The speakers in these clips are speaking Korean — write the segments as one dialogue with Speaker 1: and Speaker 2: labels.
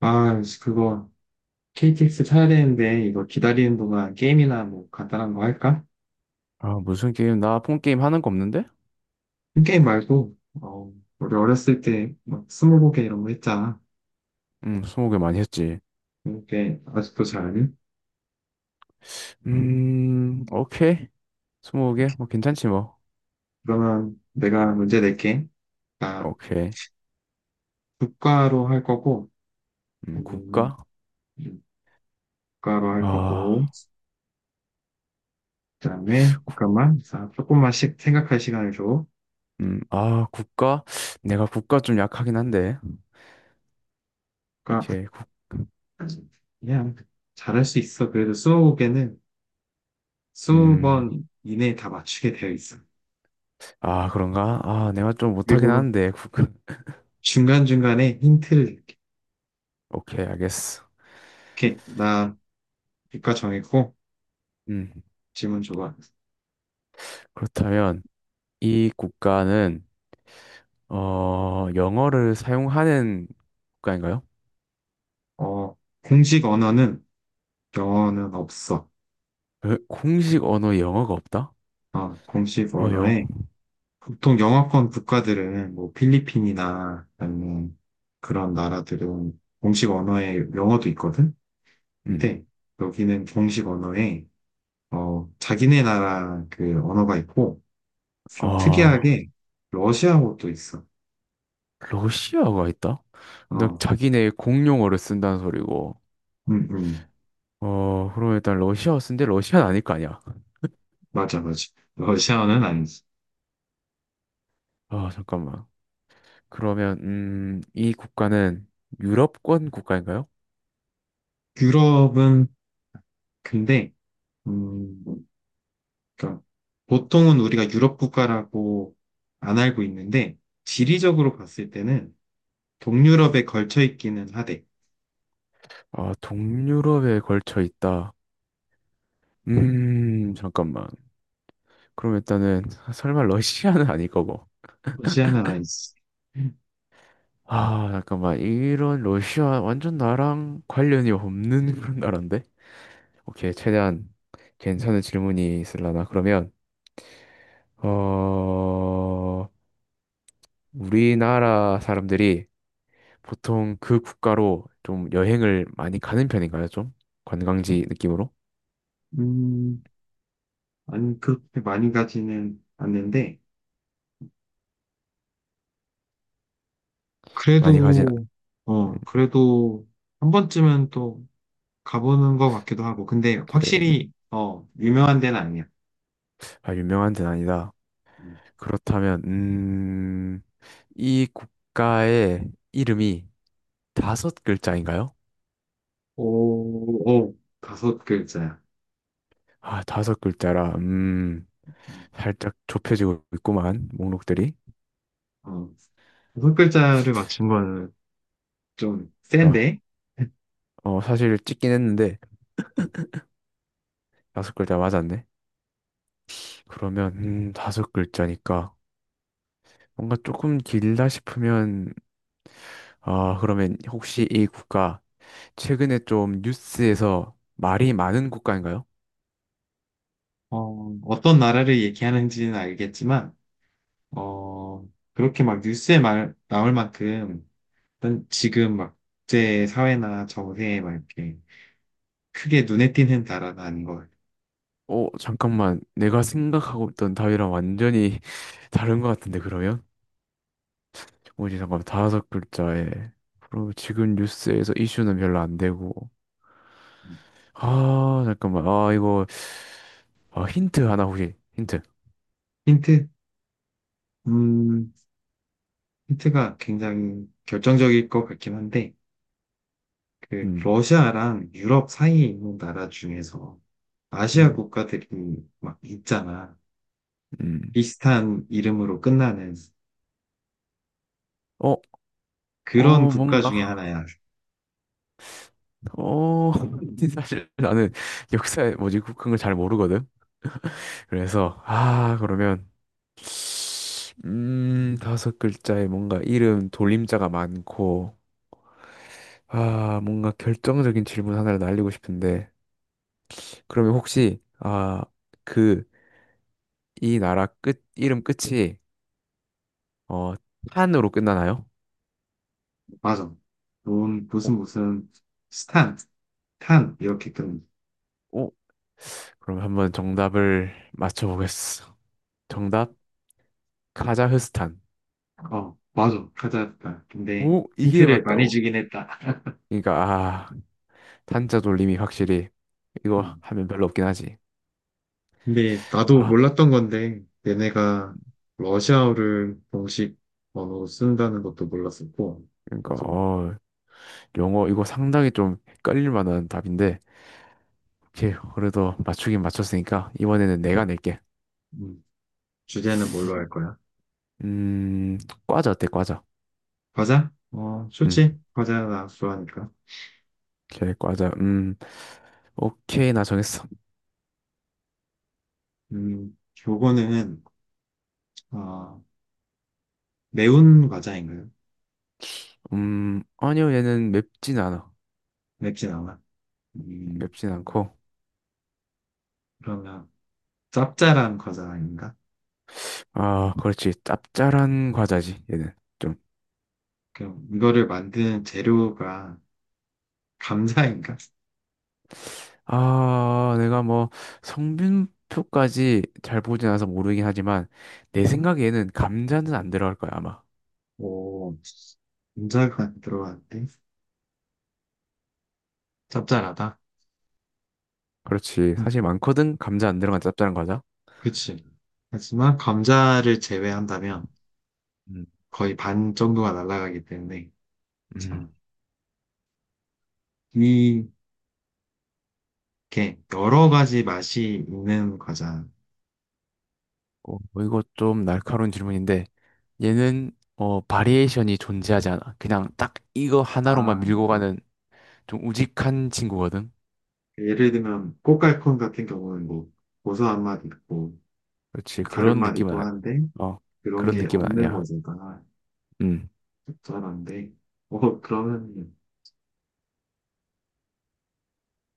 Speaker 1: 아, 그거 KTX 타야 되는데 이거 기다리는 동안 게임이나 뭐 간단한 거 할까?
Speaker 2: 아, 무슨 게임? 나 폰 게임 하는 거 없는데?
Speaker 1: 게임 말고 어, 우리 어렸을 때 막 스무고개 이런 거 했잖아.
Speaker 2: 20개 많이 했지.
Speaker 1: 이렇게 아직도 잘하니?
Speaker 2: 오케이. 20개? 뭐 괜찮지 뭐.
Speaker 1: 그러면 내가 문제 낼게. 아,
Speaker 2: 오케이.
Speaker 1: 국가로 할 거고. 음,
Speaker 2: 국가?
Speaker 1: 국가로 할
Speaker 2: 아,
Speaker 1: 거고 그다음에
Speaker 2: 국-
Speaker 1: 잠깐만, 자, 조금만씩 생각할 시간을 줘.
Speaker 2: 아, 국가? 내가 국가 좀 약하긴 한데.
Speaker 1: 국가
Speaker 2: 오케이,
Speaker 1: 그냥 잘할 수 있어. 그래도 스무고개는
Speaker 2: 음,
Speaker 1: 20번 이내에 다 맞추게 되어 있어.
Speaker 2: 아, 그런가? 아, 내가 좀 못하긴
Speaker 1: 그리고
Speaker 2: 하는데, 국가.
Speaker 1: 중간중간에 힌트를 줄게.
Speaker 2: 오케이, 알겠어.
Speaker 1: 나 국가 정했고
Speaker 2: 음,
Speaker 1: 질문 줘봐.
Speaker 2: 그렇다면 이 국가는 영어를 사용하는 국가인가요?
Speaker 1: 어, 공식 언어는 영어는 없어.
Speaker 2: 공식 언어 영어가 없다?
Speaker 1: 어, 공식
Speaker 2: 어, 영.
Speaker 1: 언어에 보통 영어권 국가들은 뭐 필리핀이나 아니면 그런 나라들은 공식 언어에 영어도 있거든?
Speaker 2: 음.
Speaker 1: 근데 여기는 공식 언어에 자기네 나라 그 언어가 있고 좀
Speaker 2: 아,
Speaker 1: 특이하게 러시아어도 있어.
Speaker 2: 러시아가 있다? 근데
Speaker 1: 어,
Speaker 2: 자기네 공용어를 쓴다는 소리고.
Speaker 1: 음, 음.
Speaker 2: 그러면 일단 러시아쓰 쓴데 러시아는 아닐 거 아니야.
Speaker 1: 맞아, 맞아. 러시아어는 아니지.
Speaker 2: 아, 잠깐만. 그러면, 이 국가는 유럽권 국가인가요?
Speaker 1: 유럽은 근데 음, 그러니까 보통은 우리가 유럽 국가라고 안 알고 있는데 지리적으로 봤을 때는 동유럽에 걸쳐 있기는 하대.
Speaker 2: 아, 동유럽에 걸쳐 있다. 잠깐만. 그럼 일단은, 설마 러시아는 아닐 거고.
Speaker 1: 러시아는 아니지.
Speaker 2: 아, 잠깐만. 이런 러시아 완전 나랑 관련이 없는 그런 나라인데? 오케이, 최대한 괜찮은 질문이 있으려나? 그러면, 어, 우리나라 사람들이 보통 그 국가로 좀 여행을 많이 가는 편인가요? 좀 관광지 느낌으로
Speaker 1: 음, 아니 그렇게 많이 가지는 않는데
Speaker 2: 많이 가진
Speaker 1: 그래도
Speaker 2: 음,
Speaker 1: 어 그래도 한 번쯤은 또 가보는 것 같기도 하고, 근데
Speaker 2: 이제
Speaker 1: 확실히 어 유명한 데는 아니야.
Speaker 2: 아, 유명한 데는 아니다.
Speaker 1: 음.
Speaker 2: 그렇다면 이 국가의 이름이 다섯 글자인가요?
Speaker 1: 오, 오, 다섯 글자야.
Speaker 2: 아, 다섯 글자라
Speaker 1: 음,
Speaker 2: 살짝 좁혀지고 있구만 목록들이.
Speaker 1: 어. 여섯 글자를 맞춘 거는 좀
Speaker 2: 그러니까
Speaker 1: 센데,
Speaker 2: 사실 찍긴 했는데 다섯 글자 맞았네. 그러면 다섯 글자니까. 뭔가 조금 길다 싶으면 아, 그러면 혹시 이 국가 최근에 좀 뉴스에서 말이 많은 국가인가요?
Speaker 1: 어떤 나라를 얘기하는지는 알겠지만, 어, 그렇게 막 뉴스에 말, 나올 만큼, 일단 지금 막 국제 사회나 정세에 막 이렇게 크게 눈에 띄는 나라는 아닌 것 같아요.
Speaker 2: 잠깐만. 내가 생각하고 있던 답이랑 완전히 다른 것 같은데, 그러면? 뭐지, 잠깐만. 다섯 글자에. 그럼 지금 뉴스에서 이슈는 별로 안 되고. 아, 잠깐만. 아, 이거, 아, 힌트 하나 혹시, 힌트.
Speaker 1: 힌트? 음, 힌트가 굉장히 결정적일 것 같긴 한데, 그,
Speaker 2: 음,
Speaker 1: 러시아랑 유럽 사이에 있는 나라 중에서 아시아
Speaker 2: 음,
Speaker 1: 국가들이 막 있잖아.
Speaker 2: 음.
Speaker 1: 비슷한 이름으로 끝나는.
Speaker 2: 어,
Speaker 1: 그런
Speaker 2: 어,
Speaker 1: 국가 중에
Speaker 2: 뭔가.
Speaker 1: 하나야.
Speaker 2: 어, 사실 나는 역사에 뭐지 그런 걸 잘 모르거든. 그래서 아 그러면 다섯 글자에 뭔가 이름 돌림자가 많고 아 뭔가 결정적인 질문 하나를 날리고 싶은데 그러면 혹시 그 이 나라 끝 이름 끝이 어 탄으로 끝나나요?
Speaker 1: 맞아. 돈,
Speaker 2: 오,
Speaker 1: 무슨, 무슨, 스탄, 탄, 이렇게 끊는.
Speaker 2: 오. 그럼 한번 정답을 맞춰보겠어.
Speaker 1: 어,
Speaker 2: 정답 카자흐스탄.
Speaker 1: 어, 맞아. 찾아왔다. 근데
Speaker 2: 오 이게
Speaker 1: 힌트를 많이
Speaker 2: 맞다고?
Speaker 1: 주긴 했다.
Speaker 2: 그러니까 아 탄자 돌림이 확실히 이거
Speaker 1: 음.
Speaker 2: 하면 별로 없긴 하지.
Speaker 1: 근데 나도
Speaker 2: 아
Speaker 1: 몰랐던 건데, 얘네가 러시아어를 공식 언어로 쓴다는 것도 몰랐었고,
Speaker 2: 그러니까
Speaker 1: 나도,
Speaker 2: 영어 이거 상당히 좀 헷갈릴 만한 답인데 오케이 그래도 맞추긴 맞췄으니까 이번에는 내가 낼게.
Speaker 1: 음, 주제는 뭘로 할 거야?
Speaker 2: 음 과자 어때 과자?
Speaker 1: 과자? 어,
Speaker 2: 음
Speaker 1: 좋지. 과자 나 좋아하니까.
Speaker 2: 오케이 과자 오케이 나 정했어.
Speaker 1: 음, 요거는, 어, 매운 과자인가요?
Speaker 2: 아니요 얘는 맵진 않아
Speaker 1: 맵진 않아. 음,
Speaker 2: 맵진 않고
Speaker 1: 그러면 짭짤한 과자인가?
Speaker 2: 아 그렇지 짭짤한 과자지 얘는
Speaker 1: 그럼 이거를 만드는 재료가 감자인가?
Speaker 2: 아, 내가 뭐 성분표까지 잘 보진 않아서 모르긴 하지만 내 생각에는 감자는 안 들어갈 거야, 아마.
Speaker 1: 오, 감자가 안 들어갔는데 짭짤하다.
Speaker 2: 그렇지.
Speaker 1: 응,
Speaker 2: 사실 많거든. 감자 안 들어간 짭짤한 과자.
Speaker 1: 그치. 하지만 감자를 제외한다면
Speaker 2: 음,
Speaker 1: 거의 반 정도가 날아가기 때문에 자,
Speaker 2: 음.
Speaker 1: 이게 여러 가지 맛이 있는 과자.
Speaker 2: 뭐 이거 좀 날카로운 질문인데 얘는 바리에이션이 존재하지 않아. 그냥 딱 이거 하나로만
Speaker 1: 아,
Speaker 2: 밀고
Speaker 1: 그러니까
Speaker 2: 가는 좀 우직한 친구거든.
Speaker 1: 예를 들면 꽃갈콘 같은 경우는 뭐 고소한 맛 있고
Speaker 2: 그렇지.
Speaker 1: 다른
Speaker 2: 그런
Speaker 1: 맛
Speaker 2: 느낌은
Speaker 1: 있고
Speaker 2: 아,
Speaker 1: 하는데
Speaker 2: 어.
Speaker 1: 그런
Speaker 2: 그런
Speaker 1: 게
Speaker 2: 느낌은
Speaker 1: 없는
Speaker 2: 아니야.
Speaker 1: 과자다.
Speaker 2: 음.
Speaker 1: 적절한데, 그러면,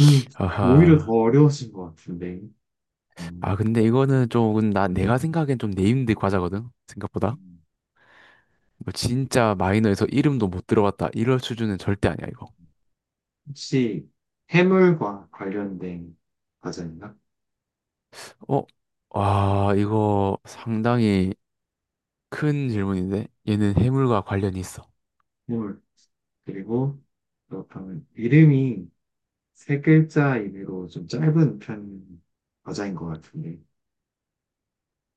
Speaker 1: 음, 오히려 더
Speaker 2: 아하.
Speaker 1: 어려우신 것 같은데,
Speaker 2: 아,
Speaker 1: 음,
Speaker 2: 근데 이거는 좀, 내가 생각엔 좀 네임드 과자거든? 생각보다. 뭐 진짜 마이너에서 이름도 못 들어봤다. 이럴 수준은 절대 아니야, 이거.
Speaker 1: 혹시 해물과 관련된 과자인가?
Speaker 2: 어? 아, 이거 상당히 큰 질문인데? 얘는 해물과 관련이 있어.
Speaker 1: 해물. 그리고, 그렇다면 이름이 세 글자 이내로 좀 짧은 편 과자인 것 같은데,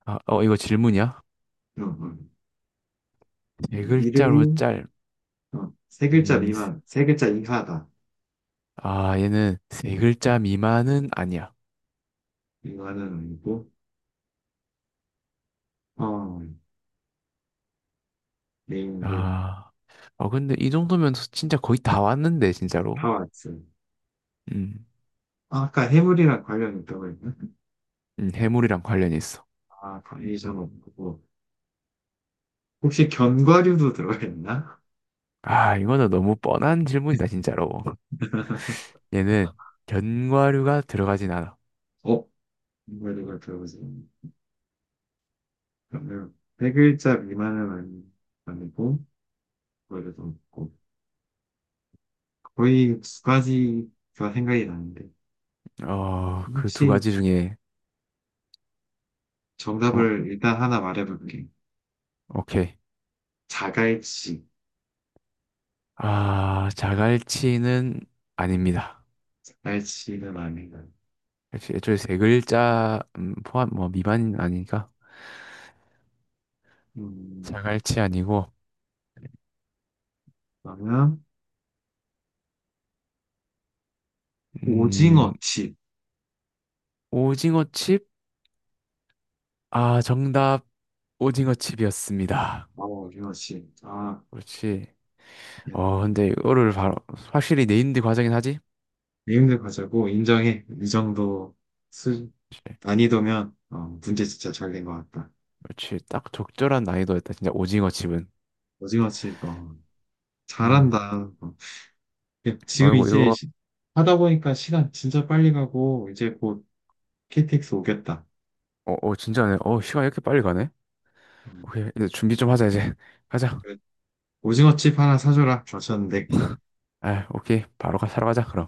Speaker 2: 이거 질문이야?
Speaker 1: 어, 어.
Speaker 2: 세 글자로
Speaker 1: 이름이
Speaker 2: 짤.
Speaker 1: 어, 세 글자
Speaker 2: 음, 세-
Speaker 1: 미만, 세 글자 이하다.
Speaker 2: 아, 얘는 세 글자 미만은 아니야.
Speaker 1: 이거는 아니고, 어, 네임드,
Speaker 2: 아, 아, 근데 이 정도면 진짜 거의 다 왔는데,
Speaker 1: 다
Speaker 2: 진짜로.
Speaker 1: 왔어.
Speaker 2: 음,
Speaker 1: 아, 아까 해물이랑 관련 있다고 했나?
Speaker 2: 해물이랑 관련이 있어.
Speaker 1: 아, 바리에이 없고. 혹시 견과류도 들어있나? 가
Speaker 2: 아, 이거는 너무 뻔한 질문이다, 진짜로. 얘는 견과류가 들어가진 않아.
Speaker 1: 어? 견과류가 들어가지 그러면 세 글자 미만은 아니- 아니고, 견과류도 없고. 거의 두 가지가 생각이 나는데.
Speaker 2: 그 두
Speaker 1: 혹시
Speaker 2: 가지 중에, 어,
Speaker 1: 정답을 일단 하나 말해볼게.
Speaker 2: 오케이.
Speaker 1: 자갈치.
Speaker 2: 아, 자갈치는 아닙니다.
Speaker 1: 자갈치는 아니다.
Speaker 2: 역시 애초에 세 글자 포함, 뭐, 미만 아니니까.
Speaker 1: 음,
Speaker 2: 자갈치 아니고,
Speaker 1: 그러면
Speaker 2: 음,
Speaker 1: 오징어칩.
Speaker 2: 오징어칩? 아, 정답, 오징어칩이었습니다.
Speaker 1: 어, 오징어칩. 아,
Speaker 2: 그렇지.
Speaker 1: 네.
Speaker 2: 근데 이거를 바로, 확실히 네임드 과정이긴 하지?
Speaker 1: 내용들 가제고 인정해. 이 정도 수,
Speaker 2: 그렇지.
Speaker 1: 난이도면 어, 문제 진짜 잘 낸 것 같다.
Speaker 2: 그렇지. 딱 적절한 난이도였다. 진짜 오징어칩은.
Speaker 1: 오징어 칩, 어,
Speaker 2: 음.
Speaker 1: 잘한다. 어. 예,
Speaker 2: 아이
Speaker 1: 지금
Speaker 2: 고
Speaker 1: 이제
Speaker 2: 이거
Speaker 1: 시- 하다 보니까 시간 진짜 빨리 가고 이제 곧 KTX 오겠다.
Speaker 2: 진짜네. 시간 이렇게 빨리 가네?
Speaker 1: 어,
Speaker 2: 오케이, 이제 준비 좀 하자, 이제. 가자.
Speaker 1: 오징어 칩 하나 사줘라. 그러셨는데
Speaker 2: 아, 오케이. 바로 가, 사러 가자, 그럼.